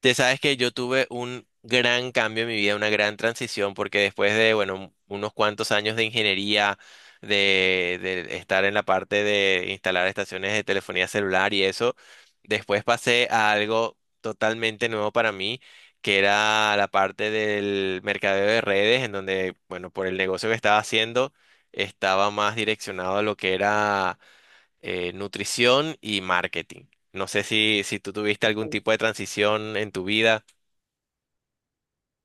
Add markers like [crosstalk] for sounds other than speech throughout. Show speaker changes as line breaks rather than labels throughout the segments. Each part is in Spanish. Te sabes que yo tuve un gran cambio en mi vida, una gran transición, porque después de, bueno, unos cuantos años de ingeniería, de estar en la parte de instalar estaciones de telefonía celular y eso, después pasé a algo totalmente nuevo para mí, que era la parte del mercadeo de redes, en donde, bueno, por el negocio que estaba haciendo, estaba más direccionado a lo que era nutrición y marketing. No sé si tú tuviste algún tipo de transición en tu vida.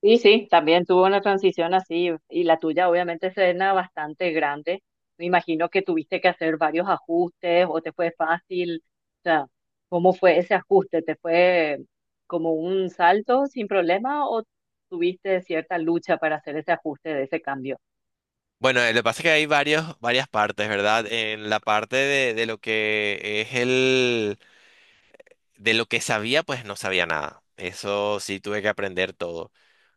Sí, sí, también tuvo una transición así y la tuya obviamente serena bastante grande. Me imagino que tuviste que hacer varios ajustes o te fue fácil. O sea, ¿cómo fue ese ajuste? ¿Te fue como un salto sin problema o tuviste cierta lucha para hacer ese ajuste de ese cambio?
Bueno, lo que pasa es que hay varias partes, ¿verdad? En la parte de lo que es el, de lo que sabía, pues no sabía nada. Eso sí tuve que aprender todo.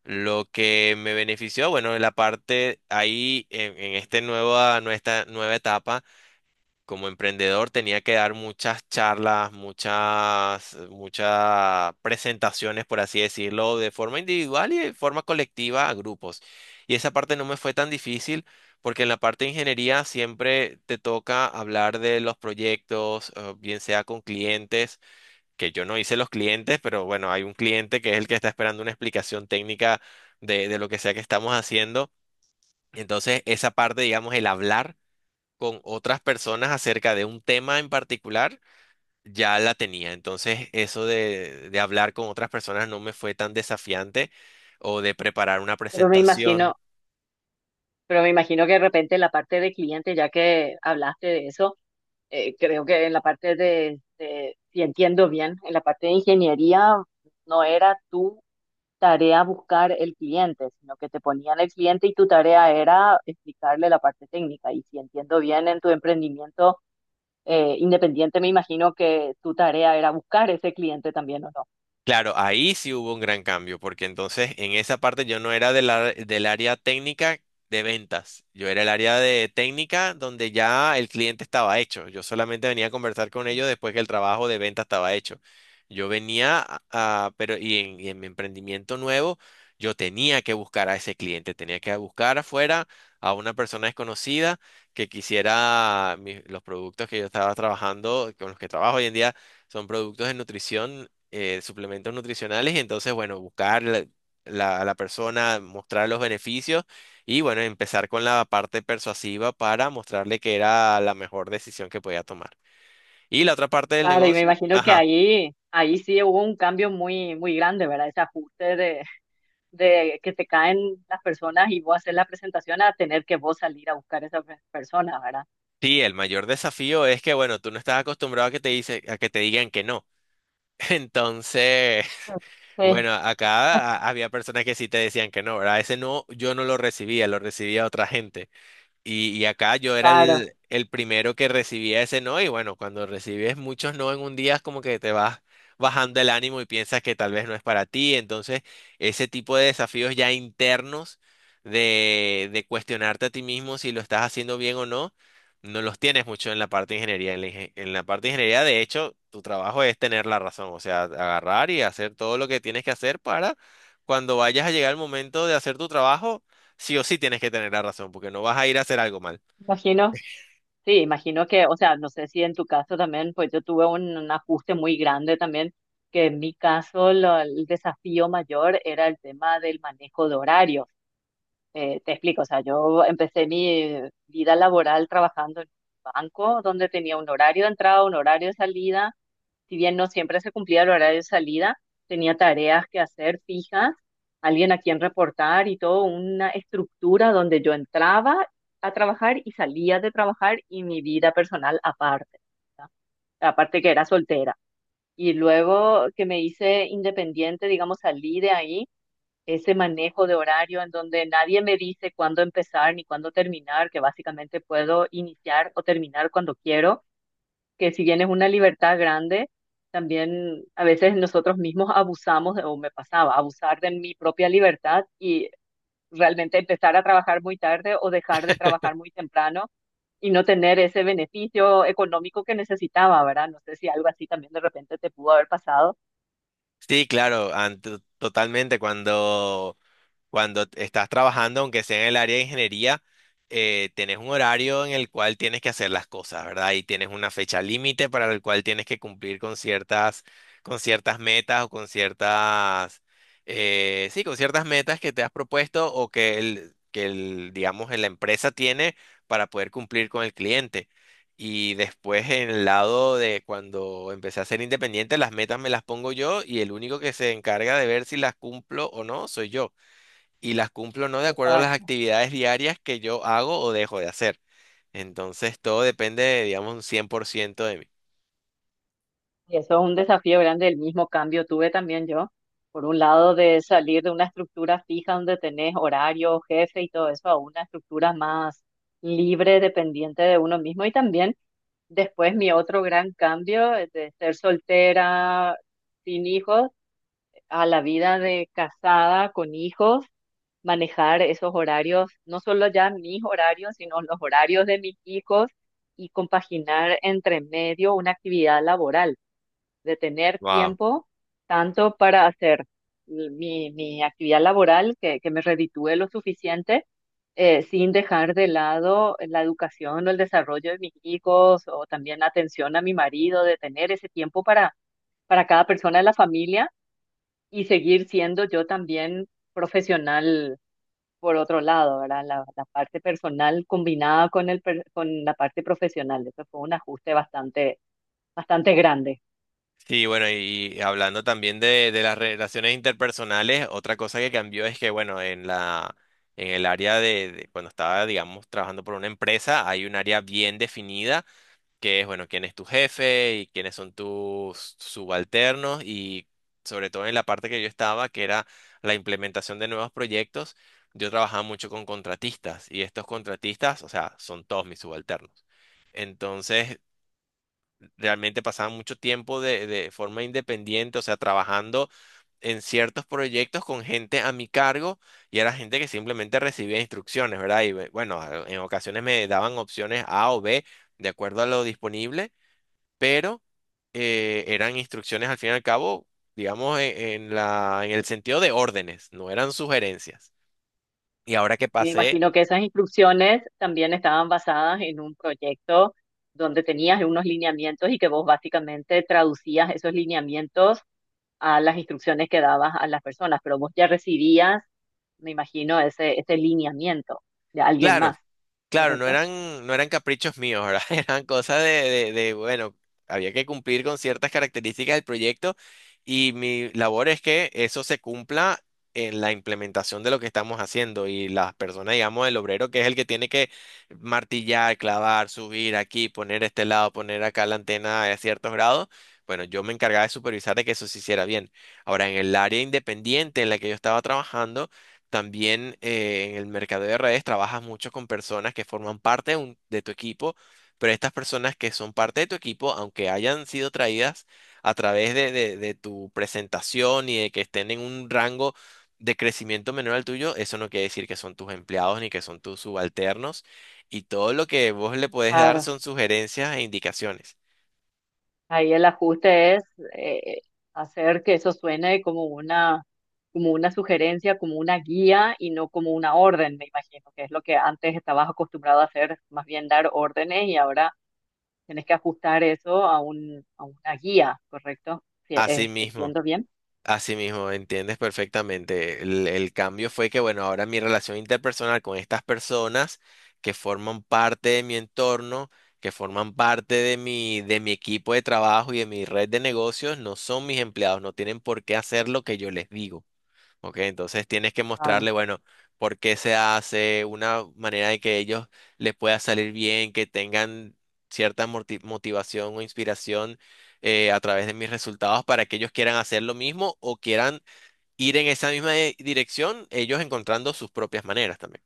Lo que me benefició, bueno, en la parte ahí, en nuestra nueva etapa. Como emprendedor tenía que dar muchas charlas, muchas presentaciones, por así decirlo, de forma individual y de forma colectiva a grupos. Y esa parte no me fue tan difícil porque en la parte de ingeniería siempre te toca hablar de los proyectos, bien sea con clientes, que yo no hice los clientes, pero bueno, hay un cliente que es el que está esperando una explicación técnica de lo que sea que estamos haciendo. Entonces, esa parte, digamos, el hablar con otras personas acerca de un tema en particular, ya la tenía. Entonces, eso de hablar con otras personas no me fue tan desafiante o de preparar una
Pero me imagino,
presentación.
pero me imagino que de repente la parte de cliente, ya que hablaste de eso, creo que en la parte de, si entiendo bien, en la parte de ingeniería no era tú tarea buscar el cliente, sino que te ponían el cliente y tu tarea era explicarle la parte técnica. Y si entiendo bien, en tu emprendimiento independiente, me imagino que tu tarea era buscar ese cliente también, ¿o no?
Claro, ahí sí hubo un gran cambio, porque entonces en esa parte yo no era del área técnica de ventas, yo era el área de técnica donde ya el cliente estaba hecho, yo solamente venía a conversar con ellos después que el trabajo de venta estaba hecho. Yo venía a, pero y en mi emprendimiento nuevo, yo tenía que buscar a ese cliente, tenía que buscar afuera a una persona desconocida que quisiera los productos que yo estaba trabajando, con los que trabajo hoy en día son productos de nutrición, suplementos nutricionales. Y entonces, bueno, buscar a la persona, mostrar los beneficios y, bueno, empezar con la parte persuasiva para mostrarle que era la mejor decisión que podía tomar. Y la otra parte del
Claro, y me
negocio,
imagino que
ajá.
ahí sí hubo un cambio muy, muy grande, ¿verdad? Ese ajuste de que te caen las personas y vos hacer la presentación a tener que vos salir a buscar a esas personas, ¿verdad?
Sí, el mayor desafío es que, bueno, tú no estás acostumbrado a que a que te digan que no. [laughs] Entonces, [laughs]
Sí,
bueno, acá
[laughs]
había personas que sí te decían que no, ¿verdad? Ese no, yo no lo recibía, lo recibía otra gente. Y acá yo era
claro.
el primero que recibía ese no, y bueno, cuando recibes muchos no en un día es como que te vas bajando el ánimo y piensas que tal vez no es para ti. Entonces, ese tipo de desafíos ya internos de cuestionarte a ti mismo si lo estás haciendo bien o no, no los tienes mucho en la parte de ingeniería. En la parte de ingeniería, de hecho, tu trabajo es tener la razón, o sea, agarrar y hacer todo lo que tienes que hacer para cuando vayas a llegar el momento de hacer tu trabajo. Sí o sí tienes que tener la razón, porque no vas a ir a hacer algo mal.
Imagino. Sí, imagino que, o sea, no sé si en tu caso también, pues yo tuve un ajuste muy grande también, que en mi caso lo- el desafío mayor era el tema del manejo de horarios. Te explico, o sea, yo empecé mi vida laboral trabajando en un banco donde tenía un horario de entrada, un horario de salida. Si bien no siempre se cumplía el horario de salida, tenía tareas que hacer fijas, alguien a quien reportar y todo, una estructura donde yo entraba a trabajar y salía de trabajar y mi vida personal aparte, ¿verdad? Aparte que era soltera. Y luego que me hice independiente, digamos, salí de ahí, ese manejo de horario en donde nadie me dice cuándo empezar ni cuándo terminar, que básicamente puedo iniciar o terminar cuando quiero, que si bien es una libertad grande, también a veces nosotros mismos abusamos, de- o me pasaba, abusar de mi propia libertad y realmente empezar a trabajar muy tarde o dejar de trabajar muy temprano y no tener ese beneficio económico que necesitaba, ¿verdad? No sé si algo así también de repente te pudo haber pasado.
Sí, claro, totalmente. Cuando estás trabajando, aunque sea en el área de ingeniería, tenés un horario en el cual tienes que hacer las cosas, ¿verdad? Y tienes una fecha límite para el cual tienes que cumplir con ciertas metas o con ciertas, sí, con ciertas metas que te has propuesto o que digamos, la empresa tiene para poder cumplir con el cliente. Y después en el lado de cuando empecé a ser independiente, las metas me las pongo yo y el único que se encarga de ver si las cumplo o no soy yo, y las cumplo no de acuerdo a las
Exacto.
actividades diarias que yo hago o dejo de hacer. Entonces todo depende, digamos, un 100% de mí.
Y eso es un desafío grande, el mismo cambio tuve también yo, por un lado de salir de una estructura fija donde tenés horario, jefe y todo eso, a una estructura más libre, dependiente de uno mismo y también después mi otro gran cambio, de ser soltera, sin hijos, a la vida de casada, con hijos, manejar esos horarios, no solo ya mis horarios, sino los horarios de mis hijos y compaginar entre medio una actividad laboral, de tener
Wow.
tiempo tanto para hacer mi, mi actividad laboral, que me reditúe lo suficiente, sin dejar de lado la educación o el desarrollo de mis hijos o también la atención a mi marido, de tener ese tiempo para cada persona de la familia y seguir siendo yo también profesional por otro lado, ¿verdad? La parte personal combinada con el, per- con la parte profesional. Eso fue un ajuste bastante, bastante grande.
Sí, bueno, y hablando también de las relaciones interpersonales, otra cosa que cambió es que, bueno, en el área de cuando estaba, digamos, trabajando por una empresa, hay un área bien definida que es, bueno, quién es tu jefe y quiénes son tus subalternos, y sobre todo en la parte que yo estaba, que era la implementación de nuevos proyectos, yo trabajaba mucho con contratistas, y estos contratistas, o sea, son todos mis subalternos. Entonces, realmente pasaba mucho tiempo de forma independiente, o sea, trabajando en ciertos proyectos con gente a mi cargo, y era gente que simplemente recibía instrucciones, ¿verdad? Y bueno, en ocasiones me daban opciones A o B de acuerdo a lo disponible, pero eran instrucciones al fin y al cabo, digamos, en, en el sentido de órdenes, no eran sugerencias. Y ahora que
Me
pasé,
imagino que esas instrucciones también estaban basadas en un proyecto donde tenías unos lineamientos y que vos básicamente traducías esos lineamientos a las instrucciones que dabas a las personas, pero vos ya recibías, me imagino, ese lineamiento de alguien
claro,
más,
Claro,
¿correcto?
no eran caprichos míos, ¿verdad? [laughs] Eran cosas de, bueno, había que cumplir con ciertas características del proyecto y mi labor es que eso se cumpla en la implementación de lo que estamos haciendo, y las personas, digamos, el obrero, que es el que tiene que martillar, clavar, subir aquí, poner este lado, poner acá la antena a ciertos grados. Bueno, yo me encargaba de supervisar de que eso se hiciera bien. Ahora, en el área independiente en la que yo estaba trabajando, también, en el mercado de redes trabajas mucho con personas que forman parte de tu equipo, pero estas personas que son parte de tu equipo, aunque hayan sido traídas a través de tu presentación y de que estén en un rango de crecimiento menor al tuyo, eso no quiere decir que son tus empleados ni que son tus subalternos. Y todo lo que vos le puedes dar son sugerencias e indicaciones.
Ahí el ajuste es eh, hacer que eso suene como una sugerencia, como una guía y no como una orden, me imagino, que es lo que antes estabas acostumbrado a hacer, más bien dar órdenes y ahora tienes que ajustar eso a un, a una guía, ¿correcto? Sí,
Asimismo.
¿entiendo bien?
Así mismo, entiendes perfectamente. El cambio fue que, bueno, ahora mi relación interpersonal con estas personas que forman parte de mi entorno, que forman parte de mi equipo de trabajo y de mi red de negocios, no son mis empleados, no tienen por qué hacer lo que yo les digo. Ok, entonces tienes que mostrarle,
Claro.
bueno, por qué se hace, una manera de que ellos les pueda salir bien, que tengan cierta motivación o inspiración, a través de mis resultados, para que ellos quieran hacer lo mismo o quieran ir en esa misma dirección, ellos encontrando sus propias maneras también.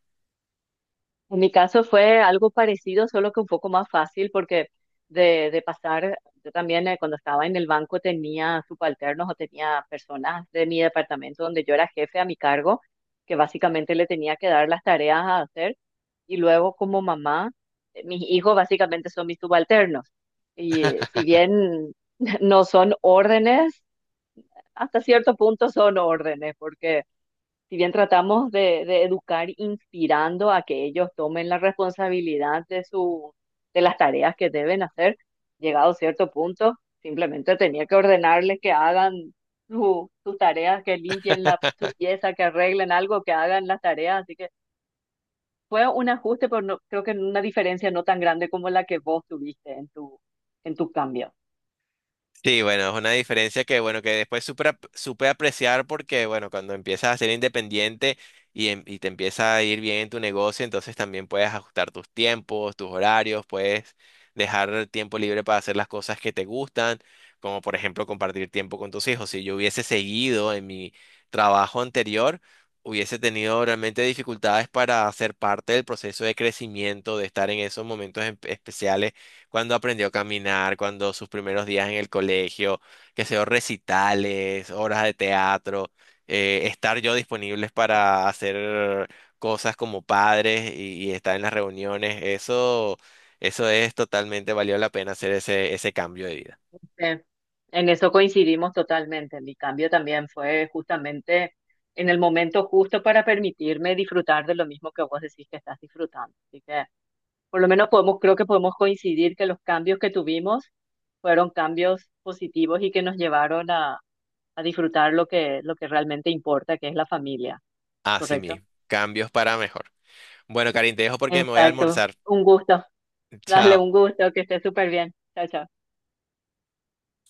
En mi caso fue algo parecido, solo que un poco más fácil, porque de pasar, yo también, cuando estaba en el banco tenía subalternos o tenía personas de mi departamento donde yo era jefe a mi cargo, que básicamente le tenía que dar las tareas a hacer. Y luego como mamá, mis hijos básicamente son mis subalternos. Y si bien [laughs] no son órdenes, hasta cierto punto son órdenes, porque si bien tratamos de educar inspirando a que ellos tomen la responsabilidad de su, de las tareas que deben hacer, llegado a cierto punto, simplemente tenía que ordenarles que hagan su- sus tareas, que limpien la, su
[laughs]
pieza, que arreglen algo, que hagan las tareas. Así que fue un ajuste, pero no, creo que una diferencia no tan grande como la que vos tuviste en tu cambio.
Sí, bueno, es una diferencia que, bueno, que después supe, supe apreciar, porque, bueno, cuando empiezas a ser independiente y te empieza a ir bien en tu negocio, entonces también puedes ajustar tus tiempos, tus horarios, puedes dejar tiempo libre para hacer las cosas que te gustan, como por ejemplo compartir tiempo con tus hijos. Si yo hubiese seguido en mi trabajo anterior, hubiese tenido realmente dificultades para ser parte del proceso de crecimiento, de estar en esos momentos especiales, cuando aprendió a caminar, cuando sus primeros días en el colegio, que sea recitales, obras de teatro, estar yo disponibles para hacer cosas como padres y estar en las reuniones, eso es totalmente valió la pena hacer ese cambio de vida.
Eh, En eso coincidimos totalmente. Mi cambio también fue justamente en el momento justo para permitirme disfrutar de lo mismo que vos decís que estás disfrutando. Así que por lo menos podemos, creo que podemos coincidir que los cambios que tuvimos fueron cambios positivos y que nos llevaron a disfrutar lo que realmente importa, que es la familia,
Así
¿correcto?
mismo, cambios para mejor. Bueno, Karin, te dejo porque me voy a
Exacto.
almorzar.
Un gusto.
[laughs]
Dale,
Chao.
un gusto, que estés súper bien. Chao, chao.